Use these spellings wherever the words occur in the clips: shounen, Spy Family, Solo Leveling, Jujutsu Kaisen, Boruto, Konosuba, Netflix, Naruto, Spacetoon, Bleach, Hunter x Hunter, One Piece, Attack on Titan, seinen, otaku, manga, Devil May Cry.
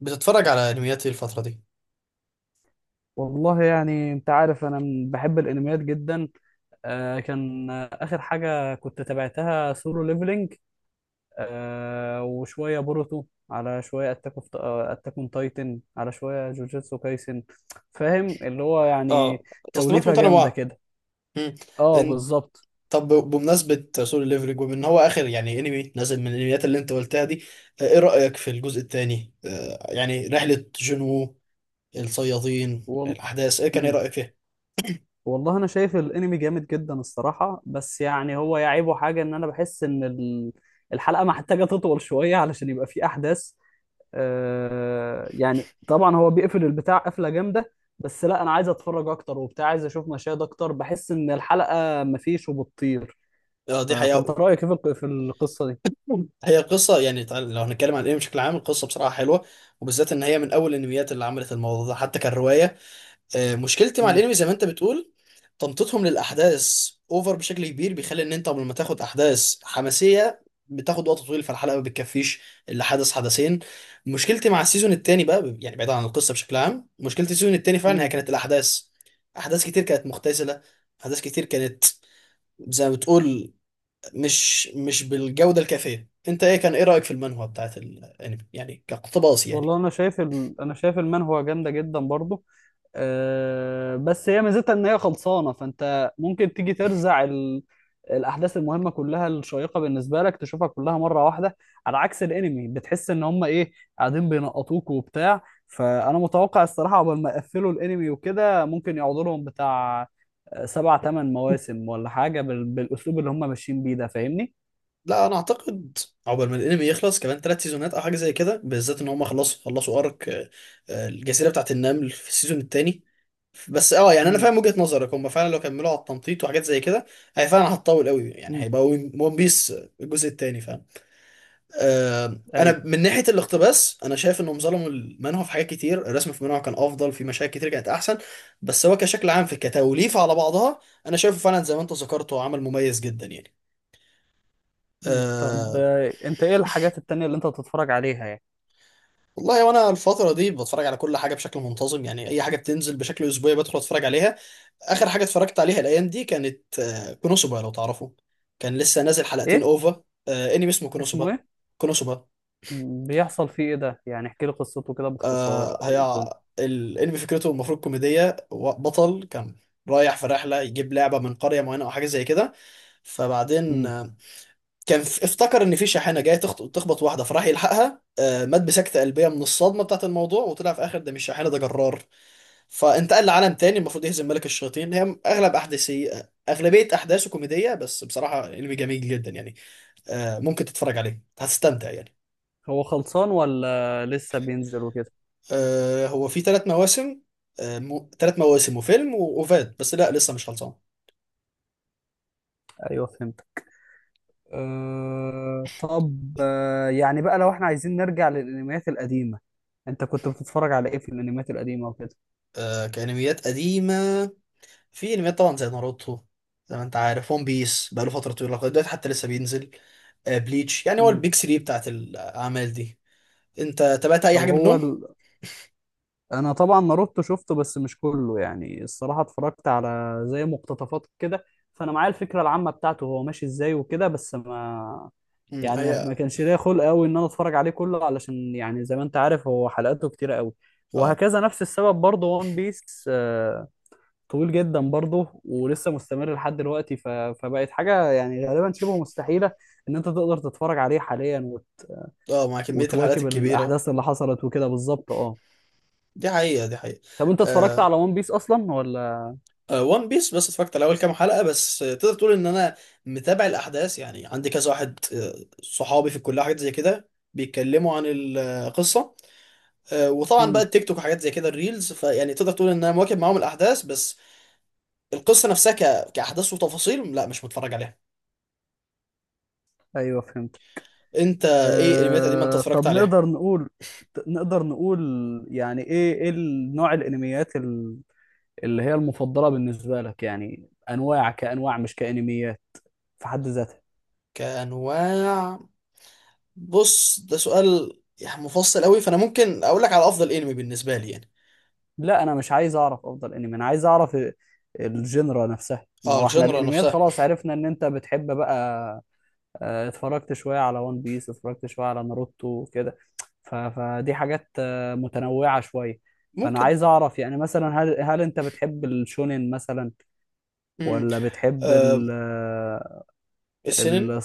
بتتفرج على انميات ايه الفترة دي؟ والله يعني انت عارف انا بحب الانميات جدا. آه كان آه، اخر حاجه كنت تابعتها سولو ليفلينج. وشويه بوروتو، على شويه اتاك اون تايتن، على شويه جوجوتسو كايسن. فاهم اللي هو يعني، اه، تصنيفات توليفه جامده متنوعة. كده. مم. اه إن... بالظبط. طب بمناسبة سولو ليفلنج ومن هو آخر يعني انمي نزل من الانميات اللي انت قلتها دي. ايه رأيك في الجزء الثاني؟ يعني رحلة جنو الصيادين وال... الأحداث ايه مم. رأيك فيها؟ والله انا شايف الانمي جامد جدا الصراحه، بس يعني هو يعيبه حاجه، ان انا بحس ان الحلقه محتاجه تطول شويه علشان يبقى فيه احداث. يعني طبعا هو بيقفل البتاع قفله جامده، بس لا انا عايز اتفرج اكتر وبتاع، عايز اشوف مشاهد اكتر، بحس ان الحلقه مفيش وبتطير. اه، دي فانت حقيقة. رايك ايه في في القصه دي؟ هي قصة يعني لو هنتكلم عن الانمي بشكل عام القصة بصراحة حلوة، وبالذات ان هي من اول الانميات اللي عملت الموضوع ده حتى كان رواية. مشكلتي مع امم الانمي زي ما انت بتقول تمطيطهم للاحداث اوفر بشكل كبير، بيخلي ان انت قبل ما تاخد احداث حماسيه بتاخد وقت طويل فالحلقه ما بتكفيش الا حدث حدثين. مشكلتي مع السيزون التاني بقى، يعني بعيد عن القصه بشكل عام، مشكلتي السيزون التاني فعلا هي امم كانت الاحداث. احداث كتير كانت مختزله، احداث كتير كانت زي ما بتقول مش بالجوده الكافيه. انت ايه رايك في المانهوا بتاعت الانمي يعني كاقتباس يعني؟ والله انا شايف المانهوا جامده جدا برضو. بس هي ميزتها ان هي خلصانه، فانت ممكن تيجي ترزع الاحداث المهمه كلها الشيقه بالنسبه لك، تشوفها كلها مره واحده، على عكس الانمي. بتحس ان هم ايه، قاعدين بينقطوك وبتاع. فانا متوقع الصراحه قبل ما يقفلوا الانمي وكده ممكن يقعدوا لهم بتاع 7 8 مواسم ولا حاجه بالاسلوب اللي هم ماشيين بيه ده، فاهمني؟ لا انا اعتقد عقبال ما الانمي يخلص كمان ثلاث سيزونات او حاجه زي كده، بالذات ان هم خلصوا ارك، الجزيره بتاعت النمل في السيزون الثاني. بس اه، يعني انا امم فاهم وجهه نظرك، هم فعلا لو كملوا على التمطيط وحاجات زي كده هي فعلا هتطول قوي، يعني امم هيبقى ون بيس الجزء الثاني فاهم. ايوه. انا من ناحيه الاقتباس انا شايف انهم ظلموا المانهوا في حاجات كتير، الرسم في المانهوا كان افضل، في مشاهد كتير كانت احسن. بس هو كشكل عام في كتوليفه على بعضها انا شايفه فعلا زي ما انت ذكرته عمل مميز جدا يعني. طب آه، انت ايه الحاجات التانية اللي انت بتتفرج عليها يعني؟ والله وانا الفترة دي بتفرج على كل حاجة بشكل منتظم، يعني اي حاجة بتنزل بشكل اسبوعي بدخل اتفرج عليها. اخر حاجة اتفرجت عليها الايام دي كانت كونوسوبا لو تعرفوا. كان لسه نازل حلقتين ايه اوفا، انمي اسمه اسمه كونوسوبا. ايه؟ كونوسوبا. بيحصل فيه ايه ده يعني؟ احكي لي قصته كده باختصار، او ايه هي الدنيا؟ الانمي فكرته المفروض كوميدية، بطل كان رايح في رحلة يجيب لعبة من قرية معينة او حاجة زي كده. فبعدين امم كان افتكر ان في شاحنة جاية تخبط واحدة فراح يلحقها، مات بسكتة قلبية من الصدمة بتاعت الموضوع، وطلع في اخر ده مش شاحنة ده جرار. فانتقل لعالم تاني المفروض يهزم ملك الشياطين، هي اغلب احداثي، اغلبيه احداثه كوميديه، بس بصراحه انمي جميل جدا يعني. ممكن تتفرج عليه هتستمتع يعني. هو خلصان ولا لسه بينزل وكده؟ هو في ثلاث مواسم. ثلاث مواسم وفيلم واوفات، بس لا لسه مش خلصان. ايوه فهمت. طب يعني بقى لو احنا عايزين نرجع للانميات القديمه، انت كنت بتتفرج على ايه في الانميات القديمه وكده؟ كانميات قديمه في انميات طبعا زي ناروتو، زي ما انت عارف ون بيس بقاله فتره طويله لغايه دلوقتي حتى لسه بينزل، بليتش، يعني هو امم البيج 3 بتاعت الاعمال دي. انت تابعت اي طب حاجه هو منهم؟ ال... انا طبعا ناروتو شفته، بس مش كله يعني الصراحه، اتفرجت على زي مقتطفات كده، فانا معايا الفكره العامه بتاعته هو ماشي ازاي وكده، بس ما مم، يعني ما هي. ما كانش ليا خلق قوي ان انا اتفرج عليه كله، علشان يعني زي ما انت عارف هو حلقاته كتيره قوي. اه. وهكذا نفس السبب برضه. وان بيس طويل جدا برضه ولسه مستمر لحد دلوقتي، فبقت حاجه يعني غالبا شبه مستحيله ان انت تقدر تتفرج عليه حاليا اه، مع كميه الحلقات وتواكب الكبيره. الاحداث اللي حصلت وكده بالظبط، اه. دي حقيقة، دي حقيقة. طب انت اتفرجت آه، على وان بيس اصلا ولا؟ آه، وان بيس بس اتفرجت على أول كام حلقة بس. تقدر تقول إن أنا متابع الأحداث، يعني عندي كذا واحد صحابي في الكلية حاجات زي كده بيتكلموا عن القصة. وطبعا بقى امم التيك توك وحاجات زي كده الريلز، فيعني تقدر تقول إن أنا مواكب معاهم الأحداث، بس القصة نفسها كأحداث وتفاصيل لا مش متفرج عليها. ايوه فهمت. أنت إيه الأنميات القديمة أنت اتفرجت طب عليها؟ نقدر نقول، نقدر نقول، يعني ايه نوع الانميات اللي هي المفضلة بالنسبة لك يعني؟ أنواع، كأنواع، مش كأنميات في حد ذاتها. كأنواع. بص ده سؤال يعني مفصل قوي، فأنا ممكن أقول لك على أفضل أنمي بالنسبة لي يعني. لا أنا مش عايز أعرف أفضل أنمي، أنا عايز أعرف الجنرا نفسها. ما اه، هو احنا الجنرا الأنميات نفسها. خلاص عرفنا إن أنت بتحب بقى. اتفرجت شوية على ون بيس، اتفرجت شوية على ناروتو كده، فدي حاجات متنوعة شوية. فأنا ممكن. عايز أعرف يعني مثلا، هل أنت بتحب الشونين مثلا، امم ولا بتحب آه ال آه، السنن. ال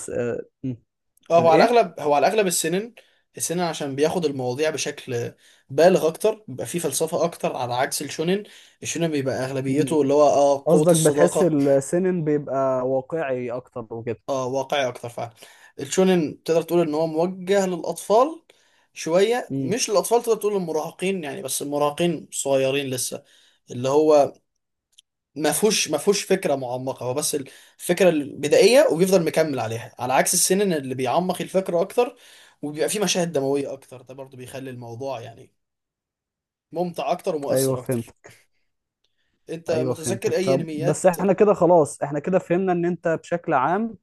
اه، هو على الإيه؟ الاغلب هو على الاغلب السنن. السنن عشان بياخد المواضيع بشكل بالغ اكتر، بيبقى فيه فلسفه اكتر على عكس الشونن. الشونن بيبقى اغلبيته اللي هو قوه قصدك بتحس الصداقه. السنن بيبقى واقعي اكتر وكده. اه، واقعي اكتر فعلا. الشونن تقدر تقول ان هو موجه للاطفال، شويه امم مش للاطفال، تقدر تقول للمراهقين يعني بس المراهقين صغيرين لسه، اللي هو ما فيهوش فكره معمقه، هو بس الفكره البدائيه وبيفضل مكمل عليها، على عكس السنن اللي بيعمق الفكره اكتر، وبيبقى فيه مشاهد دمويه اكتر، ده برضو بيخلي الموضوع يعني ممتع اكتر ايوه ومؤثر اكتر. فهمتك. انت ايوه متذكر فهمتك. اي طب بس انميات؟ احنا كده خلاص، احنا كده فهمنا ان انت بشكل عام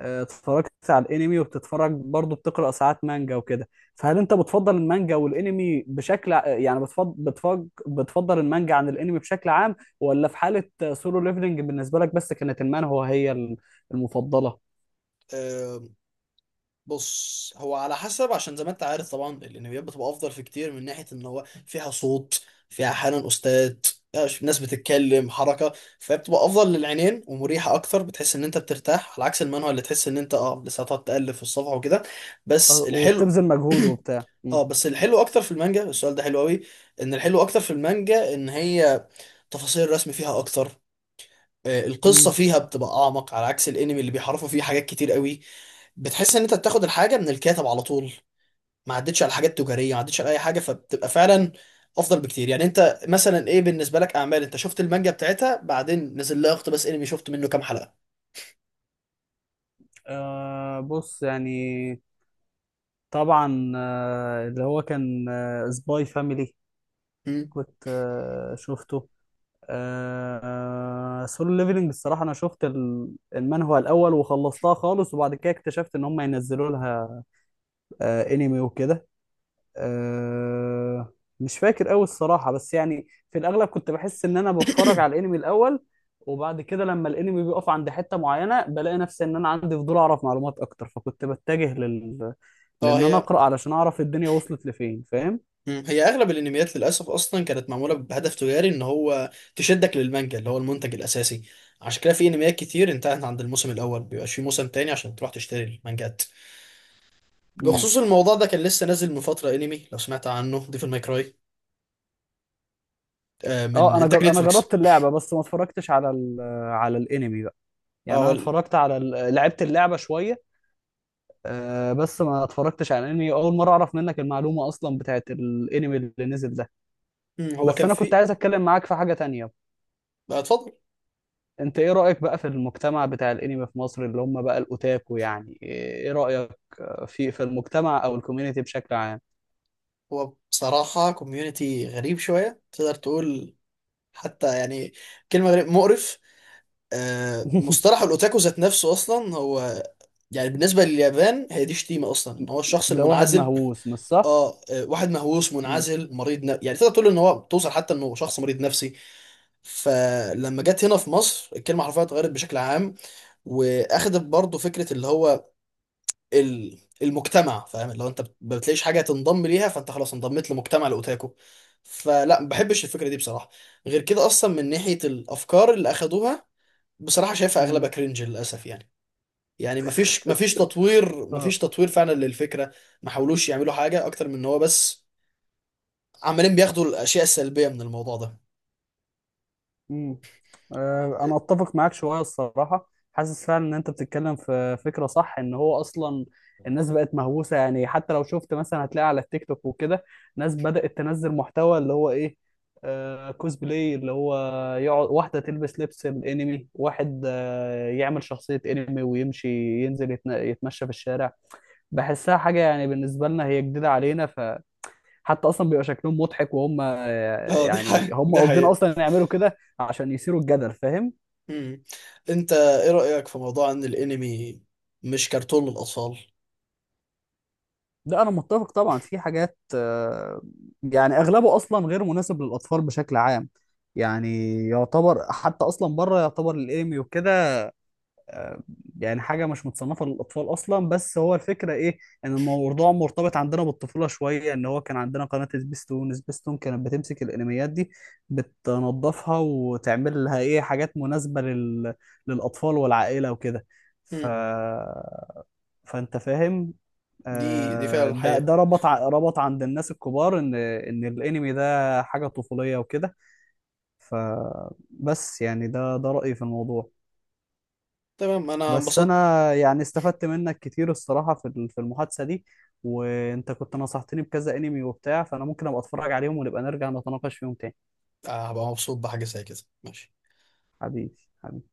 اتفرجت على الانمي وبتتفرج برضه، بتقرا ساعات مانجا وكده. فهل انت بتفضل المانجا والانمي يعني بتفضل المانجا عن الانمي بشكل عام، ولا في حالة سولو ليفلنج بالنسبة لك بس كانت هو هي المفضلة؟ بص هو على حسب، عشان زي ما انت عارف طبعا الانميات بتبقى افضل في كتير من ناحيه ان هو فيها صوت، فيها احيانا استاذ، ناس بتتكلم، حركه، فبتبقى افضل للعينين ومريحه اكتر، بتحس ان انت بترتاح، على عكس المانهوا اللي تحس ان انت اه لسه هتقعد تقلب في الصفحه وكده. بس الحلو وبتبذل مجهود وبتاع. اه، بس الحلو اكتر في المانجا، السؤال ده حلو قوي، ان الحلو اكتر في المانجا ان هي تفاصيل الرسم فيها اكتر، القصه امم فيها بتبقى اعمق على عكس الانمي اللي بيحرفوا فيه حاجات كتير قوي. بتحس ان انت بتاخد الحاجه من الكاتب على طول، ما عدتش على حاجات تجاريه، ما عدتش على اي حاجه، فبتبقى فعلا افضل بكتير يعني. انت مثلا ايه بالنسبه لك اعمال انت شفت المانجا بتاعتها بعدين نزل لها اقتباس انمي شفت منه كام حلقه؟ بص يعني، طبعا اللي هو كان سباي فاميلي، مم. كنت شفته. سولو ليفلنج الصراحة أنا شفت المانهوا الأول وخلصتها خالص، وبعد كده اكتشفت إن هم ينزلوا لها أنمي وكده. آه، مش فاكر قوي الصراحة، بس يعني في الأغلب كنت بحس إن أنا بتفرج على الأنمي الأول، وبعد كده لما الأنمي بيقف عند حتة معينة بلاقي نفسي إن أنا عندي فضول أعرف معلومات أكتر، فكنت بتجه اه، لإن أنا هي. أقرأ علشان أعرف الدنيا وصلت لفين، فاهم؟ مم. هي اغلب الانميات للاسف اصلا كانت معموله بهدف تجاري ان هو تشدك للمانجا اللي هو المنتج الاساسي، عشان كده في انميات كتير انتهت عند الموسم الاول بيبقاش في موسم تاني عشان تروح تشتري المانجات. امم بخصوص الموضوع ده كان لسه نازل من فتره انمي لو سمعت عنه ديفل ماي كراي، من اه. انتاج انا نتفليكس. جربت اللعبه بس ما اتفرجتش على على الانمي بقى. اه، يعني هو انا لعبت اللعبه شويه. بس ما اتفرجتش على الانمي، اول مره اعرف منك المعلومه اصلا بتاعت الانمي اللي نزل ده. مم، هو بس كان انا كنت في. عايز اتكلم معاك في حاجة تانية. اتفضل. انت ايه رأيك بقى في المجتمع بتاع الانمي في مصر، اللي هم بقى الاوتاكو؟ يعني ايه رأيك في المجتمع او الكوميونتي بشكل عام؟ هو بصراحة كوميونتي غريب شوية تقدر تقول، حتى يعني كلمة غريب، مقرف. مصطلح الأوتاكو ذات نفسه أصلا هو، يعني بالنسبة لليابان هي دي شتيمة أصلا، إن هو الشخص ده واحد المنعزل. مهووس مش صح؟ آه، آه، واحد مهووس مم. منعزل مريض، يعني تقدر تقول إن هو توصل حتى إنه شخص مريض نفسي. فلما جت هنا في مصر الكلمة حرفيا اتغيرت بشكل عام، وأخدت برضه فكرة اللي هو المجتمع فاهم، لو انت ما بتلاقيش حاجه تنضم ليها فانت خلاص انضميت لمجتمع الاوتاكو، فلا ما بحبش الفكره دي بصراحه. غير كده اصلا من ناحيه الافكار اللي اخدوها، بصراحه شايفها مم. اغلبها كرنج للاسف يعني. يعني ما فيش ما فيش تطوير ما فيش اه. تطوير فعلا للفكره، ما حاولوش يعملوا حاجه اكتر من ان هو بس عمالين بياخدوا الاشياء السلبيه من الموضوع ده. مم. انا اتفق معاك شويه الصراحه، حاسس فعلا ان انت بتتكلم في فكره صح، ان هو اصلا الناس بقت مهووسه. يعني حتى لو شفت مثلا هتلاقي على التيك توك وكده ناس بدات تنزل محتوى اللي هو ايه، كوسبلاي، اللي هو يقعد واحده تلبس لبس الانمي، واحد يعمل شخصيه انمي ويمشي ينزل يتمشى في الشارع. بحسها حاجه يعني بالنسبه لنا هي جديده علينا، حتى اصلا بيبقى شكلهم مضحك وهم اه، دي يعني، حقيقة هم دي قاصدين حقيقة. اصلا يعملوا كده عشان يثيروا الجدل، فاهم؟ مم. انت ايه رأيك في موضوع ان الانمي مش كرتون للاطفال؟ لا انا متفق طبعا، في حاجات يعني اغلبه اصلا غير مناسب للاطفال بشكل عام. يعني يعتبر حتى اصلا بره يعتبر الانمي وكده يعني حاجة مش متصنفة للأطفال أصلا. بس هو الفكرة إيه، إن الموضوع مرتبط عندنا بالطفولة شوية، إن هو كان عندنا قناة سبيستون. سبيستون كانت بتمسك الأنميات دي بتنظفها وتعمل لها إيه حاجات مناسبة للأطفال والعائلة وكده. ف... مم. فأنت فاهم. دي فعلا ده حقيقة. ربط عند الناس الكبار ان الانمي ده حاجه طفوليه وكده. فبس يعني ده رايي في الموضوع. تمام، انا بس انبسطت. انا يعني استفدت منك كتير الصراحه في في المحادثه دي، وانت كنت نصحتني بكذا انمي وبتاع، فانا ممكن ابقى اتفرج عليهم ونبقى نرجع نتناقش فيهم تاني. هبقى مبسوط بحاجة زي كده، ماشي. حبيبي، حبيبي.